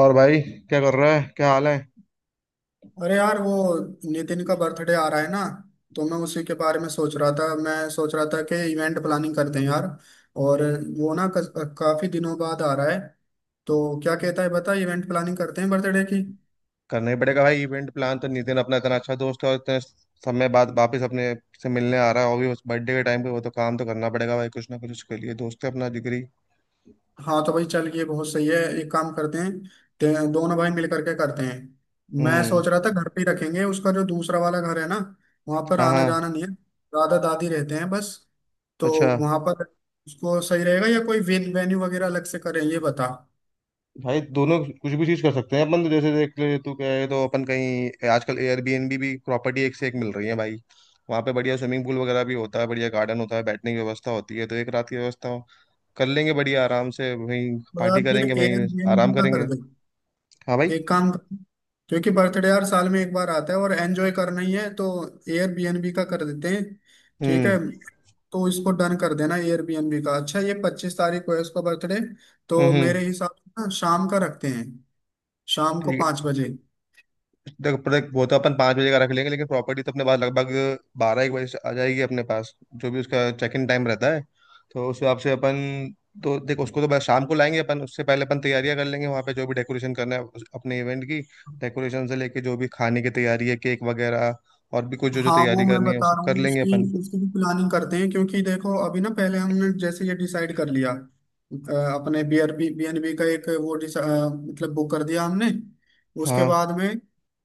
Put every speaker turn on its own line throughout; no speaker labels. और भाई, क्या कर रहा है? क्या हाल है?
अरे यार, वो नितिन का बर्थडे आ रहा है ना, तो मैं उसी के बारे में सोच रहा था मैं सोच रहा था कि इवेंट प्लानिंग करते हैं यार। और वो ना काफी दिनों बाद आ रहा है, तो क्या कहता है बता, इवेंट प्लानिंग करते हैं बर्थडे की।
करना ही पड़ेगा भाई, इवेंट प्लान तो। नितिन अपना इतना अच्छा दोस्त है, और इतने समय बाद वापस अपने से मिलने आ रहा है, और भी उस बर्थडे के टाइम पे। वो तो काम तो करना पड़ेगा भाई, कुछ ना कुछ उसके लिए। दोस्त है अपना जिगरी।
हाँ तो भाई चल, ये बहुत सही है, एक काम करते हैं, दोनों भाई मिल करके करते हैं। मैं
हम्म।
सोच रहा था घर पे ही रखेंगे, उसका जो दूसरा वाला घर है ना, वहां पर
हाँ,
आना
हाँ।
जाना नहीं है, दादा दादी रहते हैं बस। तो
अच्छा।
वहां पर उसको सही रहेगा या कोई वेन्यू वगैरह अलग से करें, ये बता।
भाई, दोनों कुछ भी चीज कर सकते हैं अपन तो। जैसे देख ले, तू कहे तो अपन कहीं, आजकल एयरबीएनबी भी प्रॉपर्टी एक से एक मिल रही है भाई। वहाँ पे बढ़िया स्विमिंग पूल वगैरह भी होता है, बढ़िया गार्डन होता है, बैठने की व्यवस्था होती है। तो एक रात की व्यवस्था कर लेंगे बढ़िया, आराम से वहीं
तो
पार्टी
यार फिर
करेंगे, वहीं
एयरबीएनबी
आराम
का कर
करेंगे।
दे,
हाँ भाई।
एक काम कर, क्योंकि बर्थडे यार साल में एक बार आता है और एंजॉय करना ही है, तो एयरबीएनबी का कर देते हैं। ठीक है,
हम्म।
तो इसको डन कर देना एयरबीएनबी का। अच्छा ये 25 तारीख को है उसका बर्थडे, तो
हम्म।
मेरे हिसाब से ना शाम का रखते हैं, शाम को
ठीक
पाँच
है।
बजे
देख देख, वो तो अपन 5 बजे का रख लेंगे, लेकिन प्रॉपर्टी तो अपने पास लगभग बारह एक बजे से आ जाएगी अपने पास, जो भी उसका चेक इन टाइम रहता है। तो उस हिसाब से अपन, तो देख, उसको तो बस शाम को लाएंगे अपन, उससे पहले अपन तैयारियां कर लेंगे। वहाँ पे जो भी डेकोरेशन करना है, अपने इवेंट की डेकोरेशन से लेके, जो भी खाने की तैयारी है, केक वगैरह, और भी कुछ जो जो
हाँ वो
तैयारी
मैं
करनी है, वो
बता
सब
रहा
कर
हूँ,
लेंगे
उसकी
अपन।
उसकी भी प्लानिंग करते हैं, क्योंकि देखो अभी ना पहले हमने जैसे ये डिसाइड कर लिया अपने बी एन बी का एक वो मतलब बुक कर दिया हमने उसके
हाँ।
बाद में।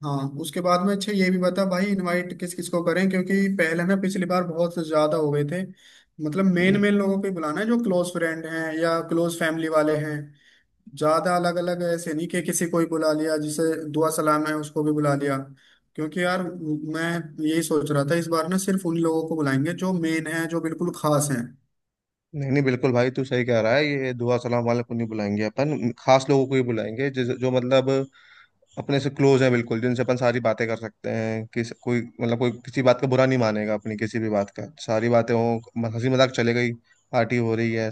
हाँ, उसके बाद में अच्छा ये भी बता भाई, इनवाइट किस किस को करें, क्योंकि पहले ना पिछली बार बहुत ज्यादा हो गए थे। मतलब मेन
नहीं
मेन लोगों को ही बुलाना है, जो क्लोज फ्रेंड हैं या क्लोज फैमिली वाले हैं, ज्यादा अलग अलग ऐसे नहीं कि किसी को ही बुला लिया, जिसे दुआ सलाम है उसको भी बुला लिया। क्योंकि यार मैं यही सोच रहा था, इस बार ना सिर्फ उन लोगों को बुलाएंगे जो मेन है, जो बिल्कुल खास हैं।
नहीं, नहीं, बिल्कुल भाई तू सही कह रहा है। ये दुआ सलाम वाले को नहीं बुलाएंगे अपन, खास लोगों को ही बुलाएंगे, जो मतलब अपने से क्लोज है बिल्कुल, जिनसे अपन सारी बातें कर सकते हैं कि कोई मतलब कोई किसी बात का बुरा नहीं मानेगा अपनी किसी भी बात का। सारी बातें हो, हंसी मजाक चले गई, पार्टी हो रही है।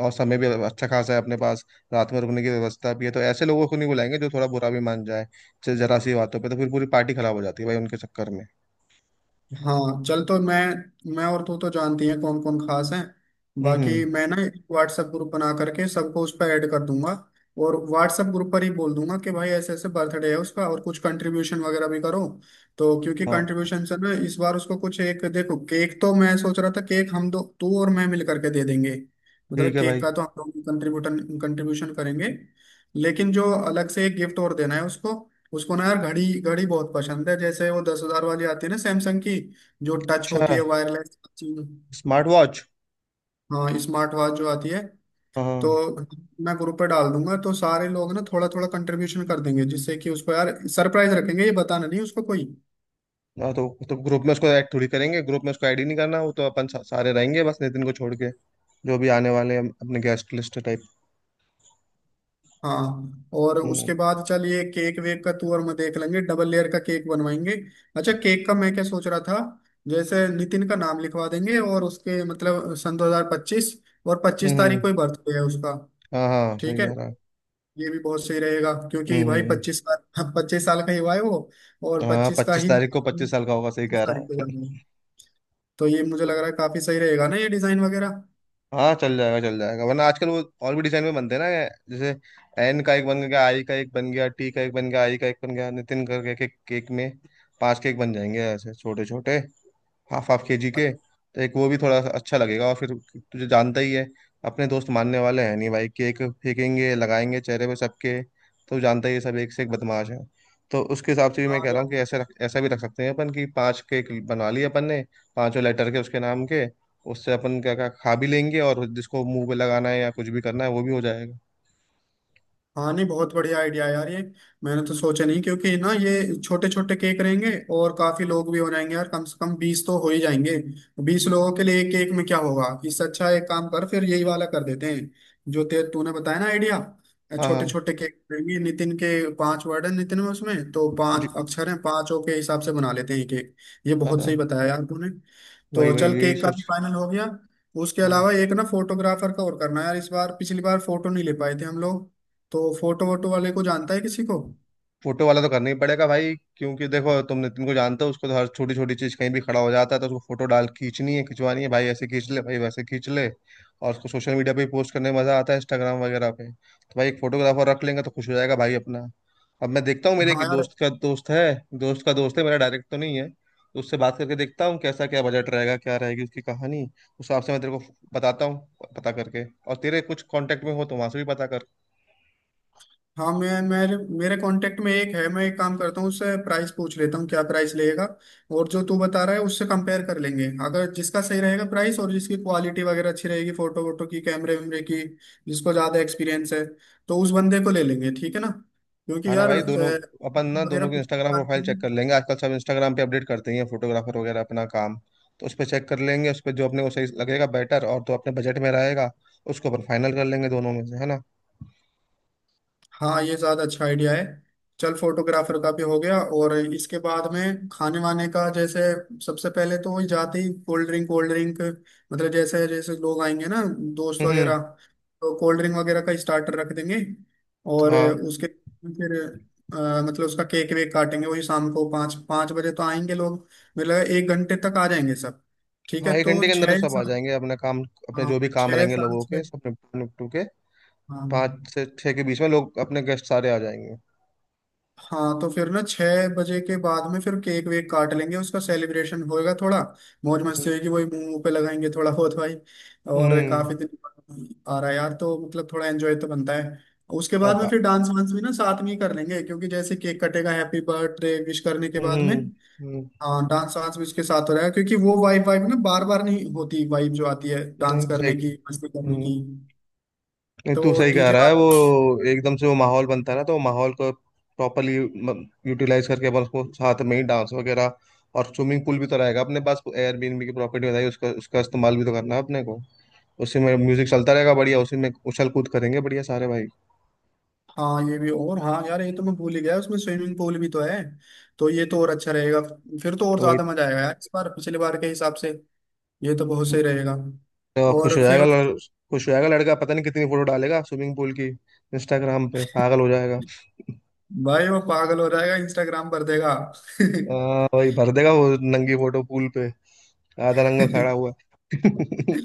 और समय भी अच्छा खासा है अपने पास, रात में रुकने की व्यवस्था भी है। तो ऐसे लोगों को नहीं बुलाएंगे जो थोड़ा बुरा भी मान जाए जरा सी बातों पे, तो फिर पूरी पार्टी खराब हो जाती है भाई उनके चक्कर में।
हाँ चल, तो मैं और तू तो जानती हैं कौन कौन खास हैं,
हम्म।
बाकी मैं ना एक व्हाट्सएप ग्रुप बना करके सबको उस पर ऐड कर दूंगा, और व्हाट्सएप ग्रुप पर ही बोल दूंगा कि भाई ऐसे ऐसे बर्थडे है उसका, और कुछ कंट्रीब्यूशन वगैरह भी करो। तो क्योंकि
हाँ।
कंट्रीब्यूशन से ना इस बार उसको कुछ, एक देखो, केक तो मैं सोच रहा था, केक हम दो, तू और मैं मिल करके दे देंगे, मतलब
ठीक है
केक
भाई।
का तो हम लोग कंट्रीब्यूटन कंट्रीब्यूशन करेंगे। लेकिन जो अलग से एक गिफ्ट और देना है उसको, उसको ना यार घड़ी, घड़ी बहुत पसंद है, जैसे वो 10 हजार वाली आती है ना सैमसंग की, जो टच
अच्छा।
होती है, वायरलेस।
Smart watch.
हाँ स्मार्ट वॉच जो आती है। तो
हाँ।
मैं ग्रुप पे डाल दूंगा, तो सारे लोग ना थोड़ा थोड़ा कंट्रीब्यूशन कर देंगे, जिससे कि उसको यार सरप्राइज रखेंगे, ये बताना नहीं उसको कोई।
हाँ, तो ग्रुप में उसको ऐड थोड़ी करेंगे, ग्रुप में उसको ऐड ही नहीं करना। वो तो अपन सारे रहेंगे बस, नितिन को छोड़ के, जो भी आने वाले हैं, अपने गेस्ट लिस्ट टाइप।
हाँ और
हम्म।
उसके बाद चल, ये केक वेक का तू और मैं देख लेंगे, डबल लेयर का केक बनवाएंगे। अच्छा केक का मैं क्या सोच रहा था, जैसे नितिन का नाम लिखवा देंगे और उसके मतलब सन 2025, और
हम्म।
25 तारीख को ही बर्थडे है उसका।
हाँ हाँ,
ठीक
सही
है,
कह रहा है।
ये भी बहुत सही रहेगा, क्योंकि
हम्म।
भाई 25 साल, हाँ, 25 साल का ही हुआ है वो, और
हाँ,
पच्चीस का
पच्चीस
ही
तारीख को 25 साल का होगा, सही
25
कह रहा
तारीख को
है।
जाना है। तो ये मुझे लग रहा है काफी सही रहेगा ना, ये डिजाइन वगैरह।
हाँ, चल जाएगा, चल जाएगा। वरना आजकल वो और भी डिजाइन में बनते हैं ना, जैसे एन का एक बन गया, आई का एक बन गया, टी का एक बन गया, आई का एक बन गया, नितिन करके के केक में पांच केक बन जाएंगे, ऐसे छोटे छोटे, हाफ हाफ के जी
और
के। तो एक वो भी थोड़ा सा अच्छा लगेगा। और फिर तुझे जानता ही है, अपने दोस्त मानने वाले हैं नहीं भाई, केक फेंकेंगे, लगाएंगे चेहरे पे सबके। तो जानता ही है सब, एक से एक बदमाश है। तो उसके हिसाब से भी मैं कह रहा हूँ कि
हाँ
ऐसे रख, ऐसा भी रख सकते हैं अपन, कि पांच केक बनवा लिए अपन ने, पांचों लेटर के उसके नाम के। उससे अपन क्या क्या खा भी लेंगे, और जिसको मुंह पे लगाना है या कुछ भी करना है वो भी हो जाएगा।
हाँ, नहीं बहुत बढ़िया आइडिया यार ये, मैंने तो सोचा नहीं क्योंकि ना, ये छोटे छोटे केक रहेंगे और काफी लोग भी हो जाएंगे यार, कम से कम 20 तो हो ही जाएंगे, 20 लोगों के लिए एक केक में क्या होगा। इससे अच्छा एक काम कर, फिर यही वाला कर देते हैं जो ते तूने बताया ना आइडिया,
हाँ।
छोटे
हाँ
छोटे केक रहेंगे नितिन के, पांच वर्ड है नितिन में, उसमें तो
जी।
पांच अक्षर हैं, पांचों के हिसाब से बना लेते हैं केक। ये
हाँ,
बहुत
हाँ,
सही बताया यार तूने।
वही
तो चल
वही यही
केक का भी
सोच।
फाइनल हो गया। उसके
हाँ।
अलावा एक ना फोटोग्राफर का और करना है यार इस बार, पिछली बार फोटो नहीं ले पाए थे हम लोग, तो फोटो वोटो वाले को जानता है किसी को?
फोटो वाला तो करना ही पड़ेगा भाई, क्योंकि देखो, तुम नितिन को जानते हो, उसको तो हर छोटी छोटी चीज, कहीं भी खड़ा हो जाता है, तो उसको फोटो डाल खींचनी है, खिंचवानी है भाई, ऐसे खींच ले भाई, वैसे खींच ले। और उसको सोशल मीडिया पे पोस्ट करने में मजा आता है, इंस्टाग्राम वगैरह पे। तो भाई एक फोटोग्राफर रख लेंगे तो खुश हो जाएगा भाई अपना। अब मैं देखता हूँ, मेरे
हाँ
एक
यार,
दोस्त का दोस्त है मेरा, डायरेक्ट तो नहीं है। तो उससे बात करके देखता हूँ कैसा, क्या बजट रहेगा, क्या रहेगी उसकी कहानी, उस हिसाब से मैं तेरे को बताता हूँ, पता करके। और तेरे कुछ कांटेक्ट में हो तो वहां से भी पता।
हाँ, मैं मेरे मेरे कांटेक्ट में एक है। मैं एक काम करता हूँ, उससे प्राइस पूछ लेता हूँ, क्या प्राइस लगेगा, और जो तू बता रहा है उससे कंपेयर कर लेंगे, अगर जिसका सही रहेगा प्राइस और जिसकी क्वालिटी वगैरह अच्छी रहेगी फोटो वोटो की, कैमरे वैमरे की, जिसको ज़्यादा एक्सपीरियंस है तो उस बंदे को ले लेंगे, ठीक है ना।
हाँ
क्योंकि
ना
यार
भाई, दोनों अपन ना
वगैरह
दोनों की
पूछ-
इंस्टाग्राम प्रोफाइल चेक कर लेंगे, आजकल सब इंस्टाग्राम पे अपडेट करते ही हैं फोटोग्राफर वगैरह अपना काम। तो उस पर चेक कर लेंगे, उस पर जो अपने को सही लगेगा बेटर, और तो अपने बजट में रहेगा, उसको अपन फाइनल कर लेंगे दोनों में से, है ना?
हाँ, ये ज्यादा अच्छा आइडिया है। चल फोटोग्राफर का भी हो गया, और इसके बाद में खाने वाने का, जैसे सबसे पहले तो वही जाते ही कोल्ड ड्रिंक, मतलब जैसे जैसे लोग आएंगे ना, दोस्त
हम्म।
वगैरह, तो कोल्ड ड्रिंक वगैरह का स्टार्टर रख देंगे, और
हाँ।
उसके फिर मतलब उसका केक वेक काटेंगे, वही शाम को पाँच पाँच बजे तो आएंगे लोग, मेरे लगा एक घंटे तक आ जाएंगे सब। ठीक
हाँ,
है,
एक
तो
घंटे के अंदर तो सब आ जाएंगे अपने काम, अपने
हाँ,
जो भी काम
छः
रहेंगे
साढ़े
लोगों के,
छः,
सब निपटू निपटू के।
हाँ हाँ।
5 से 6 के बीच में लोग, अपने गेस्ट सारे आ जाएंगे।
हाँ तो फिर ना 6 बजे के बाद में फिर केक वेक काट लेंगे, उसका सेलिब्रेशन होएगा थोड़ा, मौज
हम्म।
मस्ती होगी, वही मुंह मुंह पे लगाएंगे थोड़ा बहुत भाई, और
हम्म।
काफी दिन बाद आ रहा है यार, तो मतलब थोड़ा एंजॉय तो बनता है। उसके बाद
अब।
में फिर डांस वांस भी ना साथ में ही कर लेंगे, क्योंकि जैसे केक कटेगा हैप्पी बर्थडे विश करने के बाद में।
हम्म। हम्म।
हाँ डांस वांस भी उसके साथ हो रहा है, क्योंकि वो वाइब वाइब ना बार बार नहीं होती, वाइब जो आती है डांस
नहीं,
करने
सही।
की, मस्ती करने की,
हम्म। नहीं,
तो
तू सही कह
डीजे
रहा है
वाला।
वो। एकदम से वो माहौल बनता है ना, तो माहौल को प्रॉपरली यूटिलाइज करके अपन उसको साथ में ही डांस वगैरह। और स्विमिंग पूल भी तो रहेगा अपने पास, एयरबीएनबी की प्रॉपर्टी बताई, उसका उसका इस्तेमाल भी तो करना है अपने को। उसी में म्यूजिक चलता रहेगा बढ़िया, उसी में उछल कूद करेंगे बढ़िया सारे भाई।
हाँ ये भी, और हाँ यार ये तो मैं भूल ही गया, उसमें स्विमिंग पूल भी तो है, तो ये तो और अच्छा रहेगा, फिर तो और
तो वही।
ज्यादा मजा आएगा यार इस बार पिछली बार के हिसाब से, ये तो बहुत सही रहेगा।
तो खुश
और
हो जाएगा
फिर
खुश हो जाएगा लड़का, पता नहीं कितनी फोटो डालेगा स्विमिंग पूल की। इंस्टाग्राम पे पागल हो जाएगा।
भाई वो पागल हो जाएगा, इंस्टाग्राम पर देगा।
भाई भर देगा वो नंगी फोटो पूल पे, आधा नंगा खड़ा हुआ।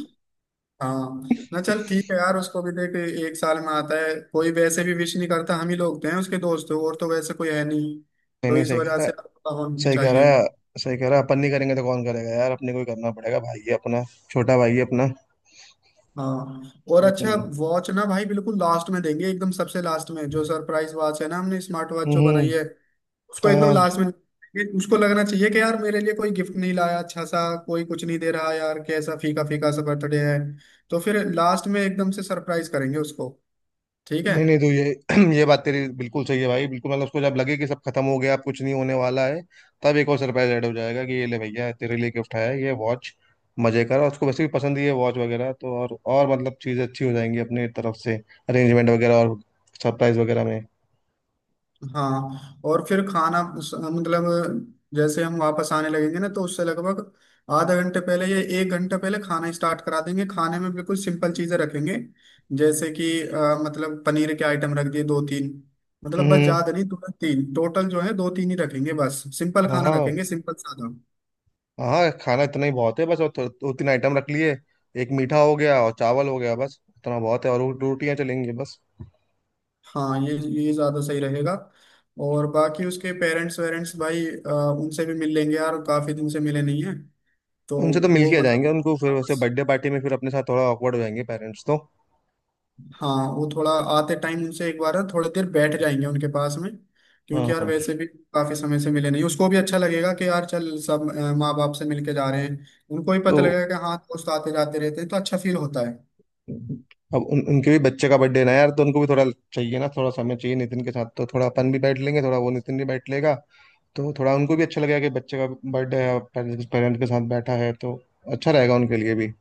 हाँ ना, चल ठीक है यार, उसको भी देख, एक साल में आता है, कोई वैसे भी विश नहीं करता, हम ही लोग थे उसके दोस्त, और तो वैसे कोई है नहीं,
नहीं,
तो
नहीं,
इस
सही कह
वजह
रहा
से
है,
होना भी
सही कह
चाहिए।
रहा है। सही कह रहा है, अपन नहीं करेंगे तो कौन करेगा यार, अपने को ही करना पड़ेगा भाई, है अपना छोटा भाई, है अपना।
हाँ और अच्छा
हम्म।
वॉच ना भाई बिल्कुल लास्ट में देंगे, एकदम सबसे लास्ट में, जो सरप्राइज वॉच है ना हमने स्मार्ट वॉच जो बनाई
हम्म,
है, उसको एकदम
हाँ।
लास्ट में देंगे। उसको लगना चाहिए कि यार मेरे लिए कोई गिफ्ट नहीं लाया अच्छा सा, कोई कुछ नहीं दे रहा यार, कैसा फीका फीका सा बर्थडे है, तो फिर लास्ट में एकदम से सरप्राइज करेंगे उसको। ठीक है।
नहीं, नहीं, तो ये ये बात तेरी बिल्कुल सही है भाई, बिल्कुल मतलब उसको जब लगे कि सब खत्म हो गया, अब कुछ नहीं होने वाला है, तब एक और सरप्राइज ऐड हो जाएगा कि ये ले भैया, तेरे लिए गिफ्ट है ये वॉच, मजे कर। और उसको वैसे भी पसंद ही है वॉच वगैरह, तो और मतलब चीजें अच्छी हो जाएंगी अपनी तरफ से, अरेंजमेंट वगैरह और सरप्राइज वगैरह में।
हाँ और फिर मतलब जैसे हम वापस आने लगेंगे ना, तो उससे लगभग आधा घंटे पहले या एक घंटा पहले खाना स्टार्ट करा देंगे, खाने में बिल्कुल सिंपल चीजें रखेंगे, जैसे कि मतलब पनीर के आइटम रख दिए दो तीन, मतलब बस
हम्म।
ज्यादा नहीं, दो तीन टोटल जो है, दो तीन ही रखेंगे, बस सिंपल
हाँ,
खाना
हाँ।
रखेंगे, सिंपल सादा।
हाँ, खाना इतना ही बहुत है बस, और दो तीन आइटम रख लिए, एक मीठा हो गया और चावल हो गया, बस इतना बहुत है, और वो दो रोटियां चलेंगी बस।
हाँ ये ज्यादा सही रहेगा। और बाकी उसके पेरेंट्स वेरेंट्स भाई उनसे भी मिल लेंगे यार, काफी दिन से मिले नहीं है, तो
उनसे तो मिल
वो
के आ जाएंगे
मतलब
उनको, फिर वैसे
वापस
बर्थडे पार्टी में फिर अपने साथ थोड़ा ऑकवर्ड हो जाएंगे पेरेंट्स तो।
हाँ वो थोड़ा आते टाइम उनसे एक बार थोड़ी देर बैठ जाएंगे उनके पास में,
हाँ,
क्योंकि यार
हाँ।
वैसे भी काफी समय से मिले नहीं, उसको भी अच्छा लगेगा कि यार चल सब माँ बाप से मिलके जा रहे हैं, उनको भी
तो
पता लगेगा कि हाँ दोस्त आते जाते रहते हैं, तो अच्छा फील होता है।
अब उनके भी बच्चे का बर्थडे ना यार, तो उनको भी थोड़ा चाहिए ना, थोड़ा समय चाहिए नितिन के साथ, तो थोड़ा अपन भी बैठ लेंगे, थोड़ा वो नितिन भी बैठ लेगा, तो थोड़ा उनको भी अच्छा लगेगा कि बच्चे का बर्थडे है, पेरेंट्स के साथ बैठा है, तो अच्छा रहेगा उनके लिए भी।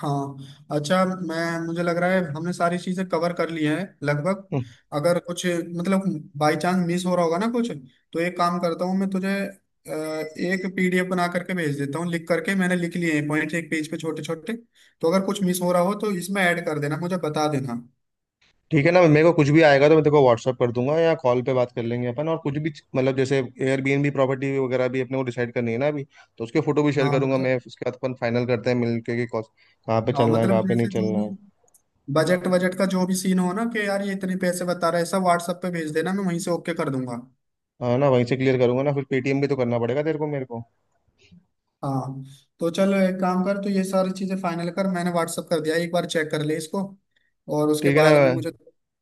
हाँ अच्छा, मैं मुझे लग रहा है हमने सारी चीजें कवर कर ली हैं लगभग।
हम्म,
अगर कुछ मतलब बाई चांस मिस हो रहा होगा ना कुछ, तो एक काम करता हूँ, मैं तुझे एक पीडीएफ बना करके भेज देता हूँ, लिख करके मैंने लिख लिए हैं पॉइंट, एक पेज पे छोटे छोटे, तो अगर कुछ मिस हो रहा हो तो इसमें ऐड कर देना, मुझे बता देना।
ठीक है ना। मेरे को कुछ भी आएगा तो मैं तेरे को व्हाट्सअप कर दूंगा, या कॉल पे बात कर लेंगे अपन। और कुछ भी मतलब, जैसे एयरबीएनबी प्रॉपर्टी वगैरह भी अपने को डिसाइड करनी है ना अभी, तो उसके फोटो भी शेयर
हाँ
करूंगा मैं,
बजट,
उसके बाद अपन फाइनल करते हैं मिल के कि कहाँ पे
हाँ
चलना है,
मतलब
कहाँ पे नहीं
जैसे जो
चलना
भी
है।
बजट बजट का जो भी सीन हो ना, कि यार ये इतने पैसे बता रहा है, सब व्हाट्सएप पे भेज देना, मैं वहीं से ओके कर दूंगा।
हाँ ना, वहीं से क्लियर करूंगा ना, फिर पेटीएम भी तो करना पड़ेगा तेरे को मेरे को।
हाँ तो चल, एक काम कर, तो ये सारी चीजें फाइनल कर, मैंने व्हाट्सअप कर दिया, एक बार चेक कर ले इसको, और उसके
ठीक है ना।
बाद में मुझे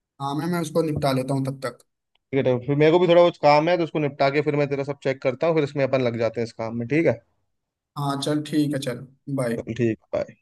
काम है, मैं उसको निपटा लेता हूँ तब तक।
ठीक है, तो फिर मेरे को भी थोड़ा कुछ काम है, तो उसको निपटा के फिर मैं तेरा सब चेक करता हूँ, फिर इसमें अपन लग जाते हैं इस काम में, ठीक है।
हाँ चल ठीक है, चल बाय।
चल ठीक है, bye।